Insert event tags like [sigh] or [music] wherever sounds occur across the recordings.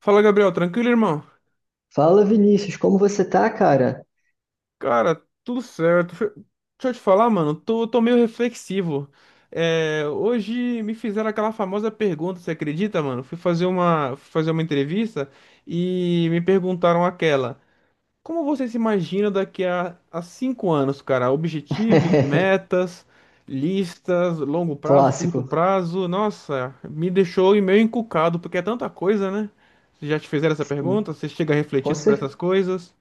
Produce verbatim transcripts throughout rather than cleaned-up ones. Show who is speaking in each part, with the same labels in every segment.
Speaker 1: Fala, Gabriel, tranquilo, irmão?
Speaker 2: Fala, Vinícius, como você tá, cara?
Speaker 1: Cara, tudo certo. Fe- Deixa eu te falar, mano, tô, tô meio reflexivo. É, hoje me fizeram aquela famosa pergunta, você acredita, mano? Fui fazer uma, fui fazer uma entrevista e me perguntaram aquela: como você se imagina daqui a, a cinco anos, cara? Objetivos,
Speaker 2: [laughs]
Speaker 1: metas, listas, longo prazo, curto
Speaker 2: Clássico.
Speaker 1: prazo. Nossa, me deixou meio encucado, porque é tanta coisa, né? Já te fizeram essa
Speaker 2: Sim,
Speaker 1: pergunta? Você chega a refletir
Speaker 2: com
Speaker 1: sobre
Speaker 2: cer-
Speaker 1: essas coisas?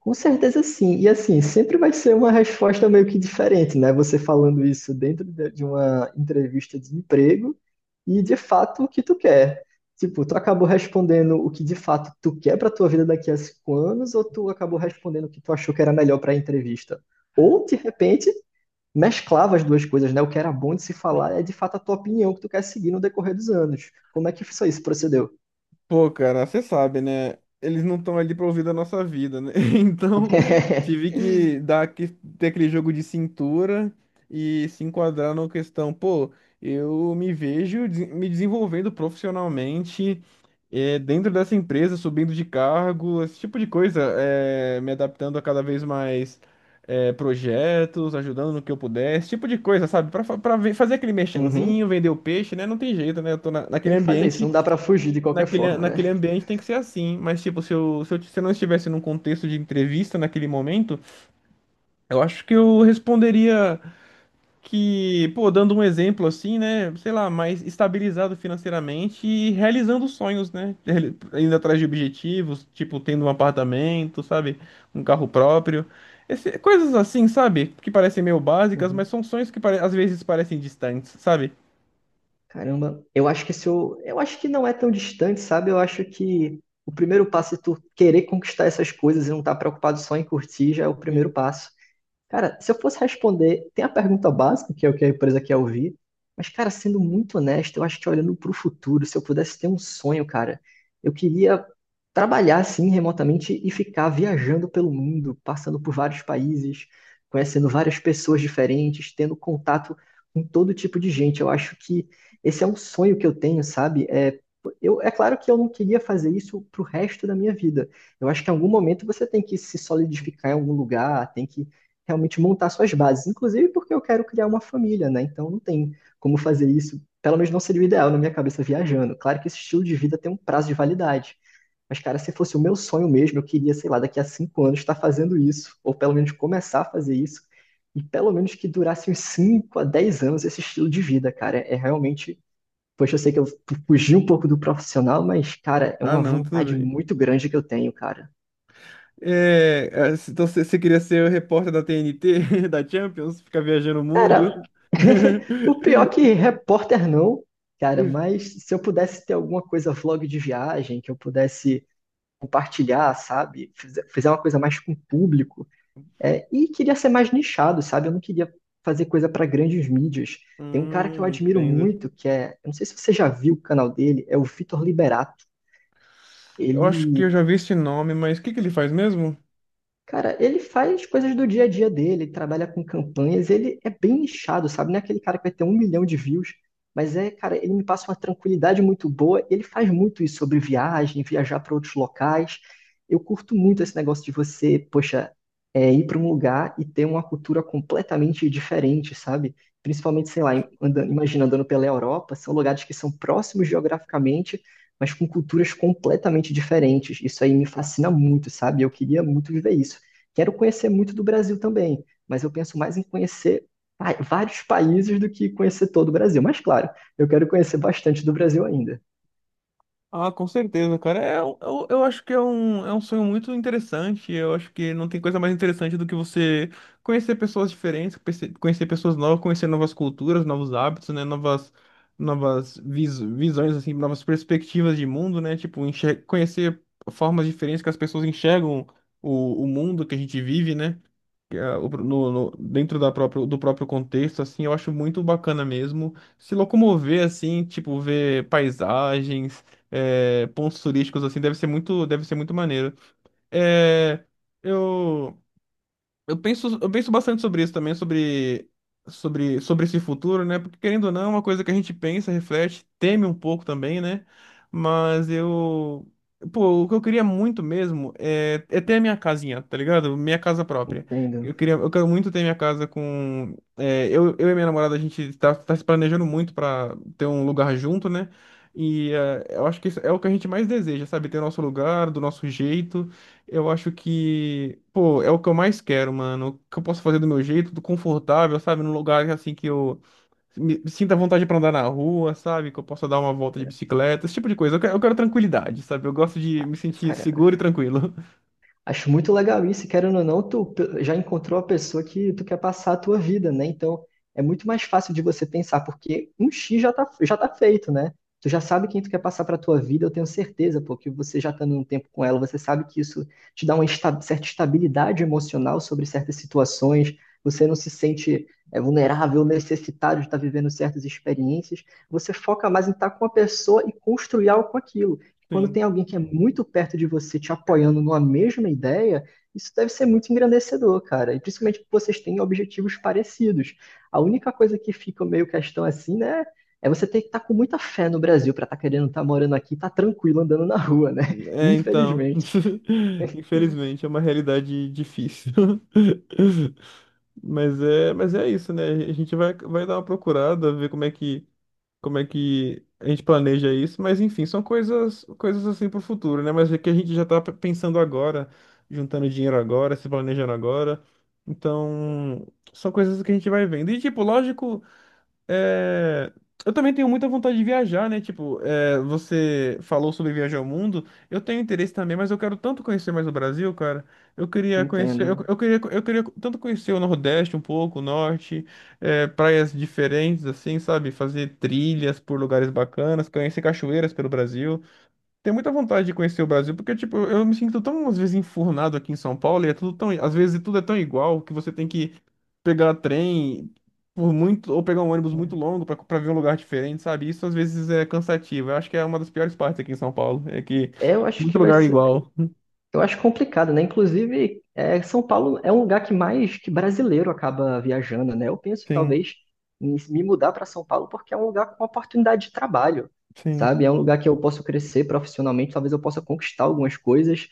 Speaker 2: com certeza sim. E assim, sempre vai ser uma resposta meio que diferente, né? Você falando isso dentro de de uma entrevista de emprego e de fato o que tu quer. Tipo, tu acabou respondendo o que de fato tu quer pra tua vida daqui a cinco anos, ou tu acabou respondendo o que tu achou que era melhor pra entrevista? Ou, de repente, mesclava as duas coisas, né? O que era bom de se falar é de fato a tua opinião que tu quer seguir no decorrer dos anos. Como é que isso aí procedeu?
Speaker 1: Pô, cara, você sabe, né? Eles não estão ali pra ouvir da nossa vida, né? [laughs] Então, tive
Speaker 2: [laughs]
Speaker 1: que dar que ter aquele jogo de cintura e se enquadrar na questão, pô, eu me vejo des- me desenvolvendo profissionalmente eh, dentro dessa empresa, subindo de cargo, esse tipo de coisa, eh, me adaptando a cada vez mais eh, projetos, ajudando no que eu puder, esse tipo de coisa, sabe? Pra, fa- pra ver- fazer aquele merchanzinho,
Speaker 2: Uhum.
Speaker 1: vender o peixe, né? Não tem jeito, né? Eu tô na- naquele
Speaker 2: Tem que fazer isso, não
Speaker 1: ambiente.
Speaker 2: dá pra fugir de qualquer
Speaker 1: Naquele,
Speaker 2: forma, né?
Speaker 1: naquele ambiente tem que ser assim, mas tipo, se eu, se eu, se eu não estivesse num contexto de entrevista naquele momento, eu acho que eu responderia que, pô, dando um exemplo assim, né, sei lá, mais estabilizado financeiramente e realizando sonhos, né, Reali- indo atrás de objetivos, tipo, tendo um apartamento, sabe, um carro próprio, Esse- coisas assim, sabe, que parecem meio básicas, mas
Speaker 2: Uhum.
Speaker 1: são sonhos que pare- às vezes parecem distantes, sabe?
Speaker 2: Caramba, eu acho que se eu, eu acho que não é tão distante, sabe? Eu acho que o primeiro passo é tu querer conquistar essas coisas e não estar preocupado só em curtir, já é o primeiro
Speaker 1: Sim.
Speaker 2: passo. Cara, se eu fosse responder, tem a pergunta básica, que é o que a empresa quer ouvir, mas, cara, sendo muito honesto, eu acho que olhando para o futuro, se eu pudesse ter um sonho, cara, eu queria trabalhar assim remotamente e ficar viajando pelo mundo, passando por vários países, conhecendo várias pessoas diferentes, tendo contato com todo tipo de gente. Eu acho que esse é um sonho que eu tenho, sabe? É, eu, é claro que eu não queria fazer isso pro resto da minha vida. Eu acho que em algum momento você tem que se solidificar em algum lugar, tem que realmente montar suas bases, inclusive porque eu quero criar uma família, né? Então não tem como fazer isso, pelo menos não seria o ideal na minha cabeça viajando. Claro que esse estilo de vida tem um prazo de validade, mas cara, se fosse o meu sonho mesmo, eu queria, sei lá, daqui a cinco anos estar fazendo isso, ou pelo menos começar a fazer isso, e pelo menos que durasse uns cinco a dez anos esse estilo de vida, cara. É realmente. Poxa, eu sei que eu fugi um pouco do profissional, mas, cara, é
Speaker 1: Ah,
Speaker 2: uma
Speaker 1: não, tudo
Speaker 2: vontade
Speaker 1: bem.
Speaker 2: muito grande que eu tenho, cara.
Speaker 1: É, é, então você você queria ser o repórter da T N T, [laughs] da Champions, ficar viajando o
Speaker 2: Cara,
Speaker 1: mundo?
Speaker 2: [laughs] o pior que
Speaker 1: [laughs]
Speaker 2: repórter não, cara, mas se eu pudesse ter alguma coisa vlog de viagem, que eu pudesse compartilhar, sabe? Fizer, fizer uma coisa mais com o público. É, e queria ser mais nichado, sabe? Eu não queria fazer coisa para grandes mídias. Tem um cara que eu
Speaker 1: Hum,
Speaker 2: admiro
Speaker 1: entendo.
Speaker 2: muito, que é, eu não sei se você já viu o canal dele, é o Vitor Liberato.
Speaker 1: Eu acho que eu
Speaker 2: Ele
Speaker 1: já vi esse nome, mas o que que ele faz mesmo?
Speaker 2: Cara, ele faz coisas do dia a dia dele, ele trabalha com campanhas, ele é bem nichado, sabe? Não é aquele cara que vai ter um milhão de views, mas é, cara, ele me passa uma tranquilidade muito boa. Ele faz muito isso sobre viagem, viajar para outros locais. Eu curto muito esse negócio de você, poxa, é, ir para um lugar e ter uma cultura completamente diferente, sabe? Principalmente, sei lá, em- andando, imagina andando pela Europa, são lugares que são próximos geograficamente, mas com culturas completamente diferentes. Isso aí me fascina muito, sabe? Eu queria muito viver isso. Quero conhecer muito do Brasil também, mas eu penso mais em conhecer pa- vários países do que conhecer todo o Brasil. Mas claro, eu quero conhecer bastante do Brasil ainda.
Speaker 1: Ah, com certeza, cara. É, um- eu, eu acho que é um, é um sonho muito interessante. Eu acho que não tem coisa mais interessante do que você conhecer pessoas diferentes, conhecer conhecer pessoas novas, conhecer novas culturas, novos hábitos, né? Novas, novas vis, visões, assim, novas perspectivas de mundo, né? Tipo, enxer- conhecer formas diferentes que as pessoas enxergam o, o mundo que a gente vive, né? É, o pro- no- no- dentro da próprio, do próprio contexto, assim, eu acho muito bacana mesmo se locomover, assim, tipo, ver paisagens, é, pontos turísticos, assim, deve ser muito, deve ser muito maneiro. É, eu... Eu penso, eu penso bastante sobre isso também, sobre, sobre, sobre esse futuro, né? Porque querendo ou não, é uma coisa que a gente pensa, reflete, teme um pouco também, né? Mas eu. Pô, o que eu queria muito mesmo é, é ter a minha casinha, tá ligado? Minha casa própria.
Speaker 2: Entendo.
Speaker 1: Eu queria, eu quero muito ter minha casa com. É, eu, eu e minha namorada, a gente tá, tá se planejando muito pra ter um lugar junto, né? E é, eu acho que isso é o que a gente mais deseja, sabe? Ter o nosso lugar, do nosso jeito. Eu acho que, pô, é o que eu mais quero, mano. O que eu posso fazer do meu jeito, do confortável, sabe? Num lugar assim que eu me me sinta à vontade pra andar na rua, sabe? Que eu possa dar uma volta de bicicleta, esse tipo de coisa. Eu quero, eu quero tranquilidade, sabe? Eu gosto de me sentir
Speaker 2: Cara,
Speaker 1: seguro e tranquilo. [laughs]
Speaker 2: acho muito legal isso, e querendo ou não, tu pe- já encontrou a pessoa que tu quer passar a tua vida, né? Então é muito mais fácil de você pensar, porque um X já tá, já tá feito, né? Tu já sabe quem tu quer passar pra tua vida, eu tenho certeza, porque você já estando um tempo com ela, você sabe que isso te dá uma esta- certa estabilidade emocional sobre certas situações, você não se sente é, vulnerável, necessitado de estar vivendo certas experiências, você foca mais em estar com a pessoa e construir algo com aquilo. Quando
Speaker 1: Sim.
Speaker 2: tem alguém que é muito perto de você te apoiando numa mesma ideia, isso deve ser muito engrandecedor, cara. E principalmente que vocês têm objetivos parecidos. A única coisa que fica meio questão assim, né? É você ter que estar com muita fé no Brasil para estar querendo estar morando aqui, e estar tranquilo andando na rua, né? [laughs]
Speaker 1: É, então.
Speaker 2: Infelizmente.
Speaker 1: [laughs] Infelizmente, é uma realidade difícil. [laughs] Mas é, mas é isso, né? A gente vai, vai dar uma procurada, ver como é que como é que a gente planeja isso, mas enfim, são coisas, coisas assim pro futuro, né? Mas é que a gente já tá p- pensando agora, juntando dinheiro agora, se planejando agora. Então, são coisas que a gente vai vendo. E tipo, lógico. É, eu também tenho muita vontade de viajar, né? Tipo, é, você falou sobre viajar ao mundo. Eu tenho interesse também, mas eu quero tanto conhecer mais o Brasil, cara. Eu queria conhecer, eu,
Speaker 2: Entendo.
Speaker 1: eu queria, eu queria tanto conhecer o Nordeste um pouco, o Norte, é, praias diferentes, assim, sabe? Fazer trilhas por lugares bacanas, conhecer cachoeiras pelo Brasil. Tenho muita vontade de conhecer o Brasil, porque, tipo, eu me sinto tão, às vezes, enfurnado aqui em São Paulo, e é tudo tão, às vezes, tudo é tão igual que você tem que pegar trem por muito, ou pegar um ônibus muito longo pra pra ver um lugar diferente, sabe? Isso, às vezes, é cansativo. Eu acho que é uma das piores partes aqui em São Paulo, é que tem
Speaker 2: É, eu acho
Speaker 1: muito
Speaker 2: que vai
Speaker 1: lugar
Speaker 2: ser.
Speaker 1: igual.
Speaker 2: Eu acho complicado, né? Inclusive, é, São Paulo é um lugar que mais que brasileiro acaba viajando, né? Eu penso
Speaker 1: Sim,
Speaker 2: talvez em me mudar para São Paulo porque é um lugar com oportunidade de trabalho,
Speaker 1: sim,
Speaker 2: sabe? É um lugar que eu posso crescer profissionalmente, talvez eu possa conquistar algumas coisas,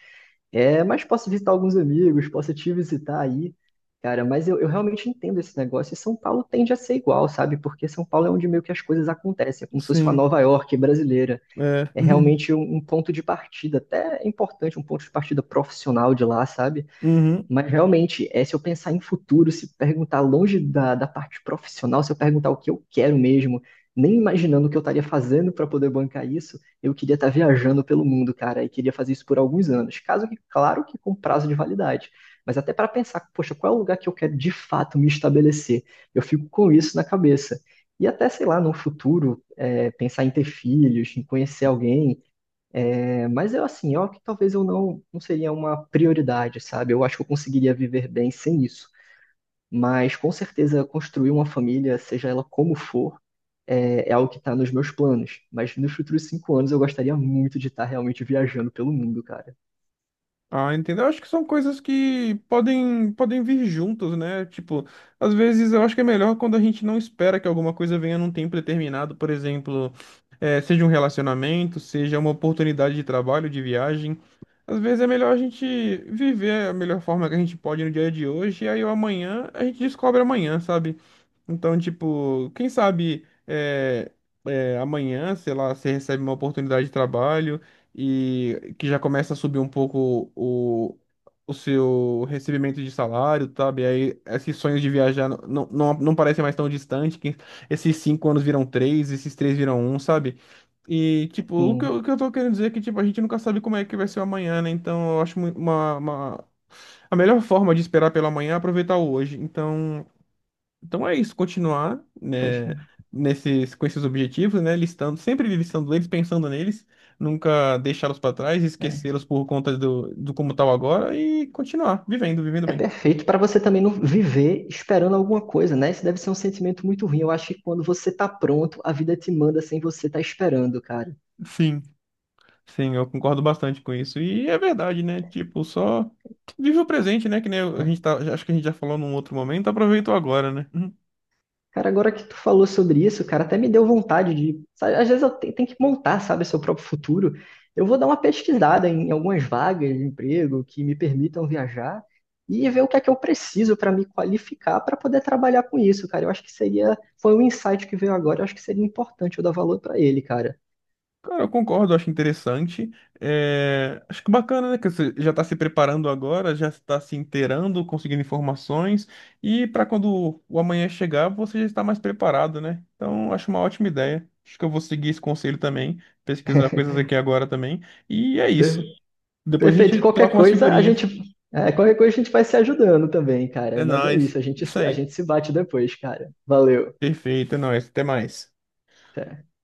Speaker 2: é, mas posso visitar alguns amigos, posso te visitar aí, cara. Mas eu, eu realmente entendo esse negócio e São Paulo tende a ser igual, sabe? Porque São Paulo é onde meio que as coisas acontecem, é como se fosse uma
Speaker 1: sim,
Speaker 2: Nova York brasileira,
Speaker 1: é.
Speaker 2: é
Speaker 1: [laughs]
Speaker 2: realmente um, um ponto de partida, até é importante, um ponto de partida profissional de lá, sabe?
Speaker 1: Uhum.
Speaker 2: Mas realmente, é, se eu pensar em futuro, se perguntar longe da, da parte profissional, se eu perguntar o que eu quero mesmo, nem imaginando o que eu estaria fazendo para poder bancar isso, eu queria estar viajando pelo mundo, cara, e queria fazer isso por alguns anos. Caso que, claro que com prazo de validade, mas até para pensar, poxa, qual é o lugar que eu quero de fato me estabelecer? Eu fico com isso na cabeça. E até, sei lá, no futuro, é, pensar em ter filhos, em conhecer alguém, é, mas eu assim, eu que talvez eu não, não seria uma prioridade, sabe? Eu acho que eu conseguiria viver bem sem isso. Mas com certeza construir uma família, seja ela como for, é, é algo que está nos meus planos. Mas nos futuros cinco anos eu gostaria muito de estar realmente viajando pelo mundo, cara.
Speaker 1: Ah, entendo. Eu acho que são coisas que podem, podem vir juntas, né? Tipo, às vezes eu acho que é melhor quando a gente não espera que alguma coisa venha num tempo determinado, por exemplo, eh, seja um relacionamento, seja uma oportunidade de trabalho, de viagem. Às vezes é melhor a gente viver a melhor forma que a gente pode no dia de hoje, e aí o amanhã a gente descobre amanhã, sabe? Então, tipo, quem sabe é, é, amanhã, sei lá, você recebe uma oportunidade de trabalho e que já começa a subir um pouco o, o seu recebimento de salário, sabe? Aí esses sonhos de viajar não, não, não não parecem mais tão distantes. Que esses cinco anos viram três, esses três viram um, sabe? E, tipo, o que eu,
Speaker 2: Sim,
Speaker 1: o que eu tô querendo dizer é que, tipo, a gente nunca sabe como é que vai ser o amanhã, né? Então, eu acho mui- uma, uma... a melhor forma de esperar pelo amanhã é aproveitar o hoje. Então. Então é isso, continuar,
Speaker 2: poxa.
Speaker 1: né, nesses, com esses objetivos, né, listando, sempre listando eles, pensando neles, nunca deixá-los para trás,
Speaker 2: É,
Speaker 1: esquecê-los por conta do, do como tal agora e continuar vivendo, vivendo
Speaker 2: é
Speaker 1: bem.
Speaker 2: perfeito para você também não viver esperando alguma coisa, né? Isso deve ser um sentimento muito ruim. Eu acho que quando você tá pronto, a vida te manda sem você estar esperando, cara.
Speaker 1: Sim, Sim, eu concordo bastante com isso. E é verdade, né? Tipo, só vive o presente, né? Que nem a gente tá, acho que a gente já falou num outro momento, aproveita o agora, né?
Speaker 2: Cara, agora que tu falou sobre isso, cara, até me deu vontade de. Sabe, às vezes eu te- tenho que montar, sabe, seu próprio futuro. Eu vou dar uma pesquisada em algumas vagas de emprego que me permitam viajar e ver o que é que eu preciso para me qualificar para poder trabalhar com isso, cara. Eu acho que seria. Foi um insight que veio agora, eu acho que seria importante eu dar valor para ele, cara.
Speaker 1: Cara, eu concordo, eu acho interessante. É, acho que bacana, né? Que você já está se preparando agora, já está se inteirando, conseguindo informações, e para quando o amanhã chegar, você já está mais preparado, né? Então, acho uma ótima ideia. Acho que eu vou seguir esse conselho também, pesquisar coisas aqui agora também. E é
Speaker 2: Per-
Speaker 1: isso. Depois a
Speaker 2: Perfeito. E
Speaker 1: gente
Speaker 2: qualquer
Speaker 1: troca umas
Speaker 2: coisa, a
Speaker 1: figurinhas.
Speaker 2: gente. é, qualquer coisa a gente, vai se ajudando também, cara.
Speaker 1: É
Speaker 2: Mas é
Speaker 1: nóis.
Speaker 2: isso, a gente,
Speaker 1: Isso
Speaker 2: se- a
Speaker 1: aí.
Speaker 2: gente se bate depois, cara. Valeu.
Speaker 1: Perfeito, é nóis. Até mais.
Speaker 2: Até.